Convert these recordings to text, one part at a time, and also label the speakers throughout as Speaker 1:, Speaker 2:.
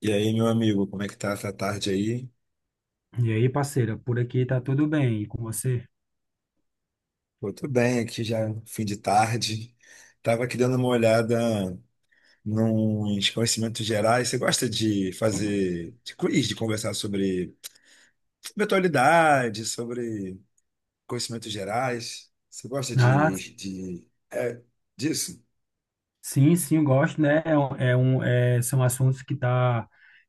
Speaker 1: E aí, meu amigo, como é que tá essa tarde aí?
Speaker 2: E aí, parceira, por aqui tá tudo bem, e com você?
Speaker 1: Pô, tô bem aqui já, fim de tarde. Tava aqui dando uma olhada nos conhecimentos gerais. Você gosta de fazer de quiz, de conversar sobre atualidade, sobre conhecimentos gerais? Você gosta
Speaker 2: Ah,
Speaker 1: de disso?
Speaker 2: sim, sim, eu gosto, né? São assuntos que tá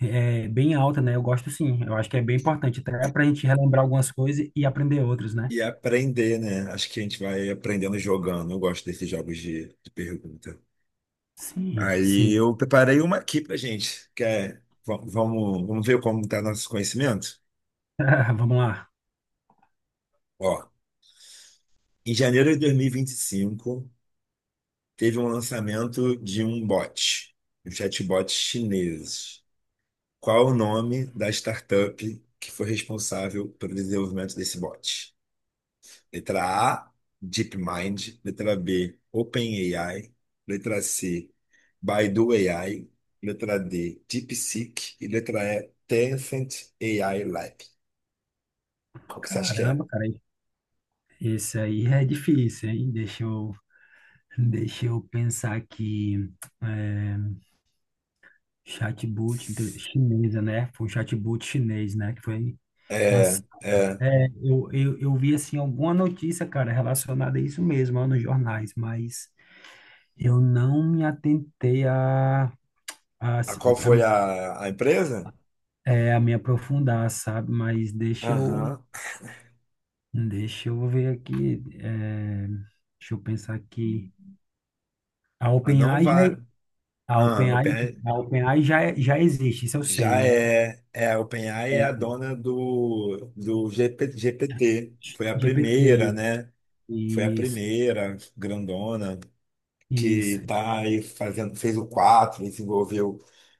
Speaker 2: bem alta, né? Eu gosto sim, eu acho que é bem importante, até pra gente relembrar algumas coisas e aprender outras, né?
Speaker 1: E aprender, né? Acho que a gente vai aprendendo jogando. Eu gosto desses jogos de pergunta.
Speaker 2: Sim,
Speaker 1: Aí
Speaker 2: sim.
Speaker 1: eu preparei uma aqui pra gente, que é, vamos ver como tá nosso conhecimento?
Speaker 2: Vamos lá.
Speaker 1: Ó, em janeiro de dois mil e vinte e cinco, teve um lançamento de um bot, um chatbot chinês. Qual o nome da startup que foi responsável pelo desenvolvimento desse bot? Letra A, DeepMind. Letra B, OpenAI. Letra C, Baidu AI. Letra D, DeepSeek. E letra E, Tencent AI Lab. Qual que você acha que é?
Speaker 2: Caramba, cara, esse aí é difícil, hein? Deixa eu pensar aqui. É, Chatbot inte- chinesa, né? Foi um chatbot chinês, né? Que foi
Speaker 1: É,
Speaker 2: lançado.
Speaker 1: é.
Speaker 2: Eu vi assim alguma notícia, cara, relacionada a isso mesmo, ó, nos jornais, mas eu não me atentei a,
Speaker 1: A
Speaker 2: se-
Speaker 1: qual
Speaker 2: a,
Speaker 1: foi
Speaker 2: me,
Speaker 1: a empresa?
Speaker 2: é, a me aprofundar, sabe?
Speaker 1: Aham.
Speaker 2: Deixa eu ver aqui, deixa eu pensar aqui. A
Speaker 1: Ah, não
Speaker 2: OpenAI já,
Speaker 1: vale.
Speaker 2: a
Speaker 1: Ah,
Speaker 2: OpenAI,
Speaker 1: OpenAI
Speaker 2: a OpenAI já, já existe, isso eu sei,
Speaker 1: já
Speaker 2: né?
Speaker 1: é. É, a OpenAI é a dona do, do GP GPT. Foi a primeira,
Speaker 2: GPT,
Speaker 1: né? Foi a
Speaker 2: isso,
Speaker 1: primeira grandona, que
Speaker 2: isso.
Speaker 1: tá aí fazendo, fez o 4 e se envolveu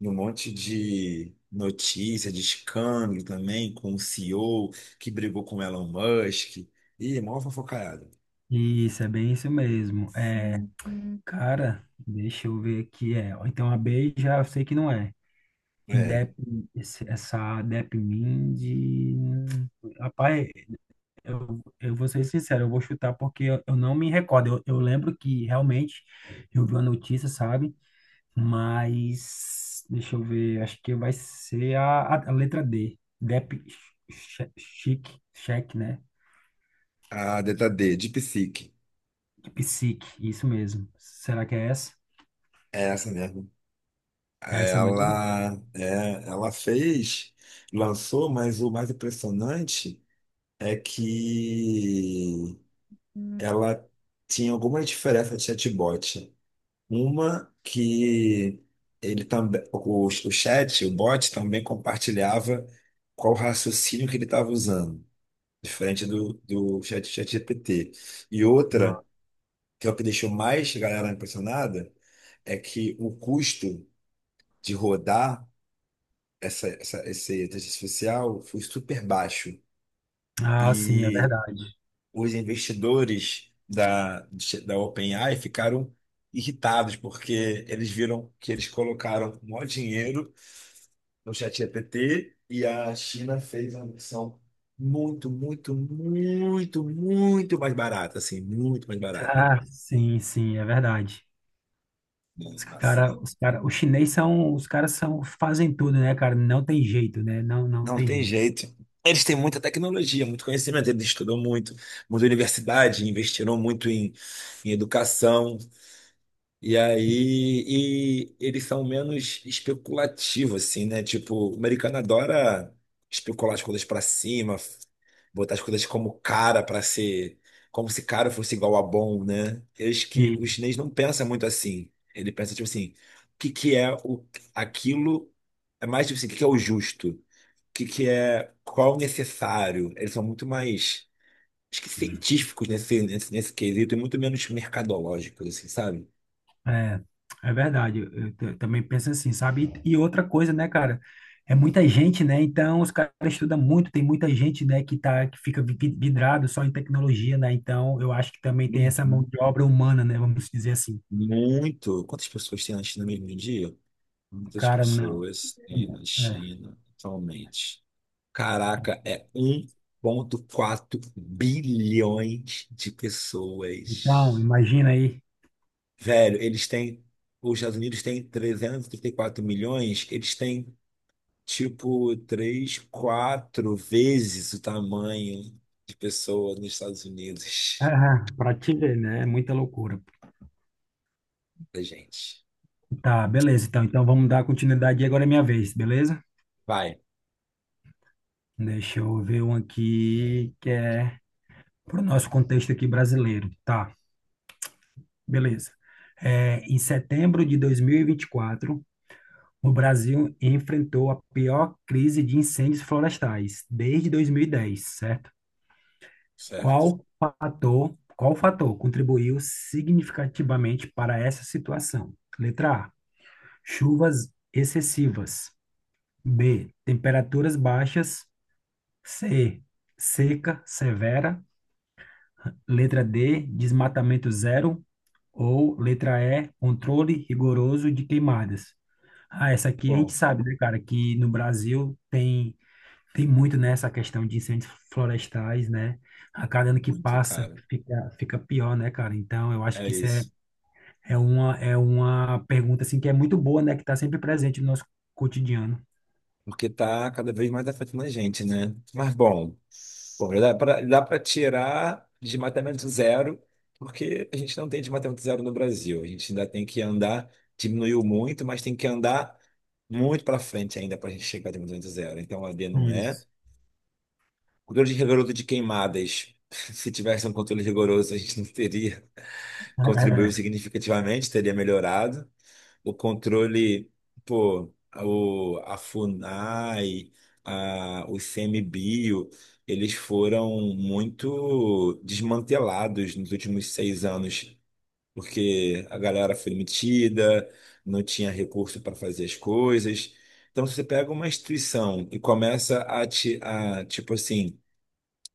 Speaker 1: em um monte de notícia, de escândalo também, com o CEO que brigou com o Elon Musk. Ih, mó fofocaiada.
Speaker 2: Isso, é bem isso mesmo. É. Uhum. Cara, deixa eu ver aqui. É, ó, então a B já eu sei que não é.
Speaker 1: É,
Speaker 2: Dep, essa Depmind. hum, Rapaz, eu vou ser sincero, eu vou chutar porque eu não me recordo. Eu lembro que realmente eu vi a notícia, sabe? Mas deixa eu ver, acho que vai ser a letra D. Chic, Check né?
Speaker 1: a DTD, de
Speaker 2: Psique, isso mesmo. Será que é essa?
Speaker 1: É essa mesmo.
Speaker 2: É essa mesmo?
Speaker 1: Ela, é, ela fez, lançou, mas o mais impressionante é que
Speaker 2: Hum.
Speaker 1: ela tinha alguma diferença de chatbot. Uma que ele também, o chat, o bot também compartilhava qual raciocínio que ele estava usando, diferente do, do chat GPT. E outra, que é o que deixou mais a galera impressionada, é que o custo de rodar esse inteligência artificial foi super baixo.
Speaker 2: Ah, sim, é
Speaker 1: E
Speaker 2: verdade.
Speaker 1: os investidores da OpenAI ficaram irritados, porque eles viram que eles colocaram o maior dinheiro no ChatGPT e a China fez uma versão muito mais barata, assim, muito mais barata.
Speaker 2: Ah, sim, sim, é verdade.
Speaker 1: Nossa,
Speaker 2: Os chinês são, os caras são, fazem tudo, né, cara? Não tem jeito, né? Não, não
Speaker 1: não
Speaker 2: tem
Speaker 1: tem
Speaker 2: jeito.
Speaker 1: jeito. Eles têm muita tecnologia, muito conhecimento, eles estudam muito, muita universidade, investiram muito em educação. E aí, e eles são menos especulativos, assim, né? Tipo, o americano adora especular as coisas pra cima, botar as coisas como cara pra ser, como se cara fosse igual a bom, né? Eles que
Speaker 2: E,
Speaker 1: o chinês não pensa muito assim. Ele pensa tipo assim, o que que é o aquilo é mais tipo assim, o que que é o justo? O que que é qual é o necessário? Eles são muito mais acho que científicos nesse quesito e muito menos mercadológicos, assim, sabe?
Speaker 2: é, é verdade. Eu t- também penso assim, sabe? E outra coisa, né, cara? É muita gente, né? Então os caras estudam muito, tem muita gente, né, que tá, que fica vidrado só em tecnologia, né? Então eu acho que também tem essa mão
Speaker 1: Uhum.
Speaker 2: de obra humana, né? Vamos dizer assim.
Speaker 1: Muito. Quantas pessoas tem na China mesmo em dia?
Speaker 2: O
Speaker 1: Muitas
Speaker 2: cara não.
Speaker 1: pessoas tem na
Speaker 2: É.
Speaker 1: China atualmente. Caraca, é 1,4 bilhões de
Speaker 2: Então,
Speaker 1: pessoas.
Speaker 2: imagina aí.
Speaker 1: Velho, eles têm. Os Estados Unidos têm 334 milhões, eles têm tipo 3 4 vezes o tamanho de pessoas nos Estados Unidos
Speaker 2: Ah, pra te ver, né? É muita loucura.
Speaker 1: da gente.
Speaker 2: Tá, beleza. Então, então vamos dar continuidade e agora é minha vez, beleza?
Speaker 1: Vai,
Speaker 2: Deixa eu ver um aqui que é pro nosso contexto aqui brasileiro. Tá, beleza. É, em setembro de dois mil e vinte e quatro, o Brasil enfrentou a pior crise de incêndios florestais desde 2010, certo?
Speaker 1: certo.
Speaker 2: Qual fator contribuiu significativamente para essa situação? Letra A, chuvas excessivas. B, temperaturas baixas. C, seca severa. Letra D, desmatamento zero. Ou letra E, controle rigoroso de queimadas. Ah, essa aqui a gente
Speaker 1: Bom,
Speaker 2: sabe, né, cara, que no Brasil tem, tem muito nessa questão de incêndios florestais, né? A cada ano que
Speaker 1: muito
Speaker 2: passa
Speaker 1: caro.
Speaker 2: fica, fica pior, né, cara? Então, eu acho
Speaker 1: É
Speaker 2: que
Speaker 1: isso,
Speaker 2: é uma pergunta, assim, que é muito boa, né, que está sempre presente no nosso cotidiano.
Speaker 1: porque tá cada vez mais afetando a gente, né? Mas bom, pô, dá pra tirar desmatamento zero, porque a gente não tem desmatamento zero no Brasil. A gente ainda tem que andar, diminuiu muito, mas tem que andar muito para frente ainda para a gente chegar a desmatamento zero. Então a D não é.
Speaker 2: Isso.
Speaker 1: Controle rigoroso de queimadas. Se tivesse um controle rigoroso, a gente não teria contribuído significativamente, teria melhorado o controle, pô, o, a FUNAI, a, o ICMBio, eles foram muito desmantelados nos últimos 6 anos, porque a galera foi metida, não tinha recurso para fazer as coisas. Então, se você pega uma instituição e começa a, a tipo assim,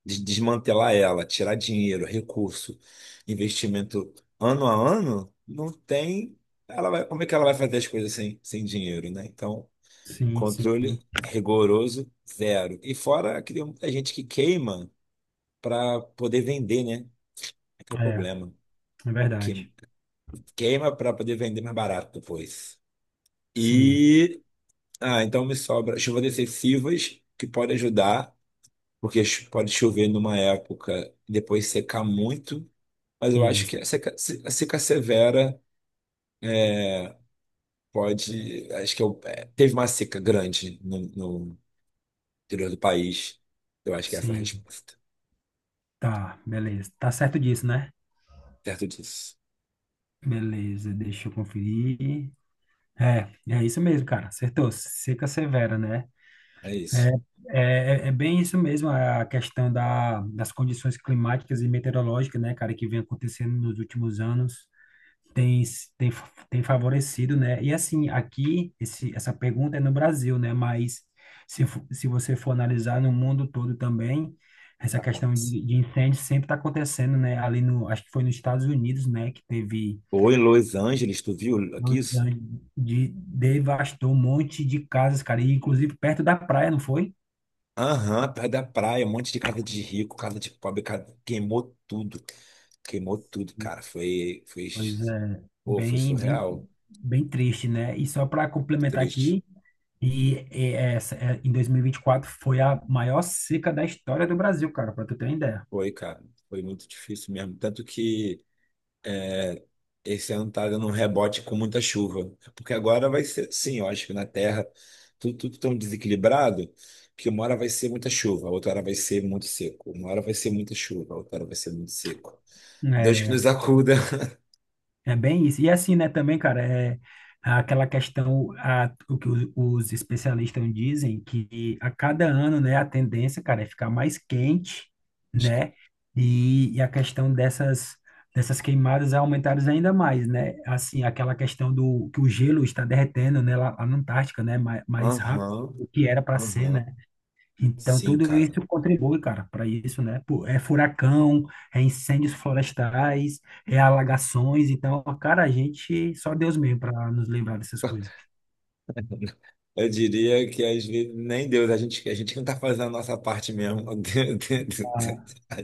Speaker 1: desmantelar ela, tirar dinheiro, recurso, investimento ano a ano, não tem. Ela vai, como é que ela vai fazer as coisas sem, sem dinheiro, né? Então,
Speaker 2: É, sim, sim.
Speaker 1: controle rigoroso, zero. E fora que tem muita gente que queima para poder vender, né? É que é o
Speaker 2: É,
Speaker 1: problema.
Speaker 2: é
Speaker 1: Que-
Speaker 2: verdade.
Speaker 1: Queima para poder vender mais barato depois.
Speaker 2: Sim,
Speaker 1: E. Ah, então me sobra chuvas excessivas que podem ajudar, porque pode chover numa época e depois secar muito. Mas eu acho
Speaker 2: isso.
Speaker 1: que a seca, a seca severa pode. Acho que eu, é, teve uma seca grande no, no interior do país. Eu acho que essa é a
Speaker 2: Sim,
Speaker 1: resposta.
Speaker 2: tá, beleza. Tá certo disso, né?
Speaker 1: Certo disso.
Speaker 2: Beleza, deixa eu conferir. É, é isso mesmo, cara. Acertou. Seca severa, né?
Speaker 1: É
Speaker 2: É,
Speaker 1: isso.
Speaker 2: é, é é bem isso mesmo, é a questão das condições climáticas e meteorológicas, né, cara, que vem acontecendo nos últimos anos. Tem, s- tem, fa- Tem favorecido, né? E assim, aqui, esse, essa pergunta é no Brasil, né? Mas se você for analisar no mundo todo também, essa
Speaker 1: Tá
Speaker 2: questão
Speaker 1: acontecendo.
Speaker 2: de incêndio sempre está acontecendo, né? Ali no, acho que foi nos Estados Unidos, né? Que teve
Speaker 1: Ou em Los Angeles, tu viu aqui
Speaker 2: Los
Speaker 1: isso?
Speaker 2: Angeles, devastou um monte de casas, cara, e inclusive perto da praia, não foi?
Speaker 1: Aham, perto da praia, um monte de casa de rico, casa de pobre, queimou tudo. Queimou tudo, cara. Foi, foi,
Speaker 2: Pois é,
Speaker 1: pô, foi surreal.
Speaker 2: bem triste, né? E só para complementar
Speaker 1: Triste.
Speaker 2: aqui, e essa, é, em 2024 foi a maior seca da história do Brasil, cara, para tu ter uma ideia.
Speaker 1: Foi, cara. Foi muito difícil mesmo. Tanto que. É, esse ano tá dando um rebote com muita chuva. É. Porque agora vai ser assim, eu acho que na Terra tudo, tudo tão desequilibrado que uma hora vai ser muita chuva, outra hora vai ser muito seco. Uma hora vai ser muita chuva, outra hora vai ser muito seco. Deus que
Speaker 2: É,
Speaker 1: nos acuda.
Speaker 2: é bem isso. E assim, né, também, cara, é aquela questão, a, o que os especialistas dizem, que a cada ano, né, a tendência, cara, é ficar mais quente, né? E a questão dessas, dessas queimadas é aumentar ainda mais, né? Assim, aquela questão do que o gelo está derretendo, né, lá na Antártica, né, mais rápido
Speaker 1: Aham,
Speaker 2: do que era para ser, né?
Speaker 1: aham.
Speaker 2: Então,
Speaker 1: Sim,
Speaker 2: tudo
Speaker 1: cara.
Speaker 2: isso contribui, cara, para isso, né? Pô, é furacão, é incêndios florestais, é alagações. Então, cara, a gente, só Deus mesmo para nos livrar dessas coisas.
Speaker 1: Eu diria que às vezes nem Deus, a gente não tá fazendo a nossa parte mesmo.
Speaker 2: Ah,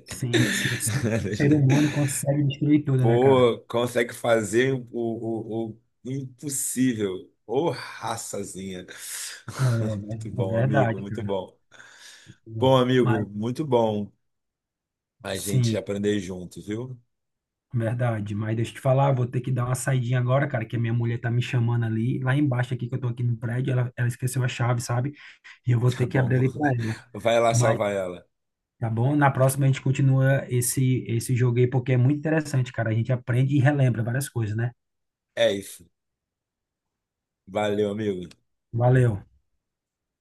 Speaker 2: sim, sim, sim. O ser humano consegue destruir tudo, né, cara?
Speaker 1: Pô, consegue fazer o impossível. Ô, raçazinha.
Speaker 2: É,
Speaker 1: Muito
Speaker 2: é
Speaker 1: bom, amigo,
Speaker 2: verdade,
Speaker 1: muito
Speaker 2: cara.
Speaker 1: bom. Bom,
Speaker 2: Mas,
Speaker 1: amigo, muito bom a gente
Speaker 2: sim,
Speaker 1: aprender junto, viu?
Speaker 2: verdade. Mas deixa eu te falar, vou ter que dar uma saidinha agora, cara, que a minha mulher tá me chamando ali, lá embaixo aqui, que eu tô aqui no prédio, ela esqueceu a chave, sabe? E eu vou
Speaker 1: Tá
Speaker 2: ter que
Speaker 1: bom.
Speaker 2: abrir ali para ela.
Speaker 1: Vai lá
Speaker 2: Mas
Speaker 1: salvar ela.
Speaker 2: tá bom? Na próxima a gente continua esse, esse jogo aí, porque é muito interessante, cara. A gente aprende e relembra várias coisas, né?
Speaker 1: É isso. Valeu, amigo.
Speaker 2: Valeu.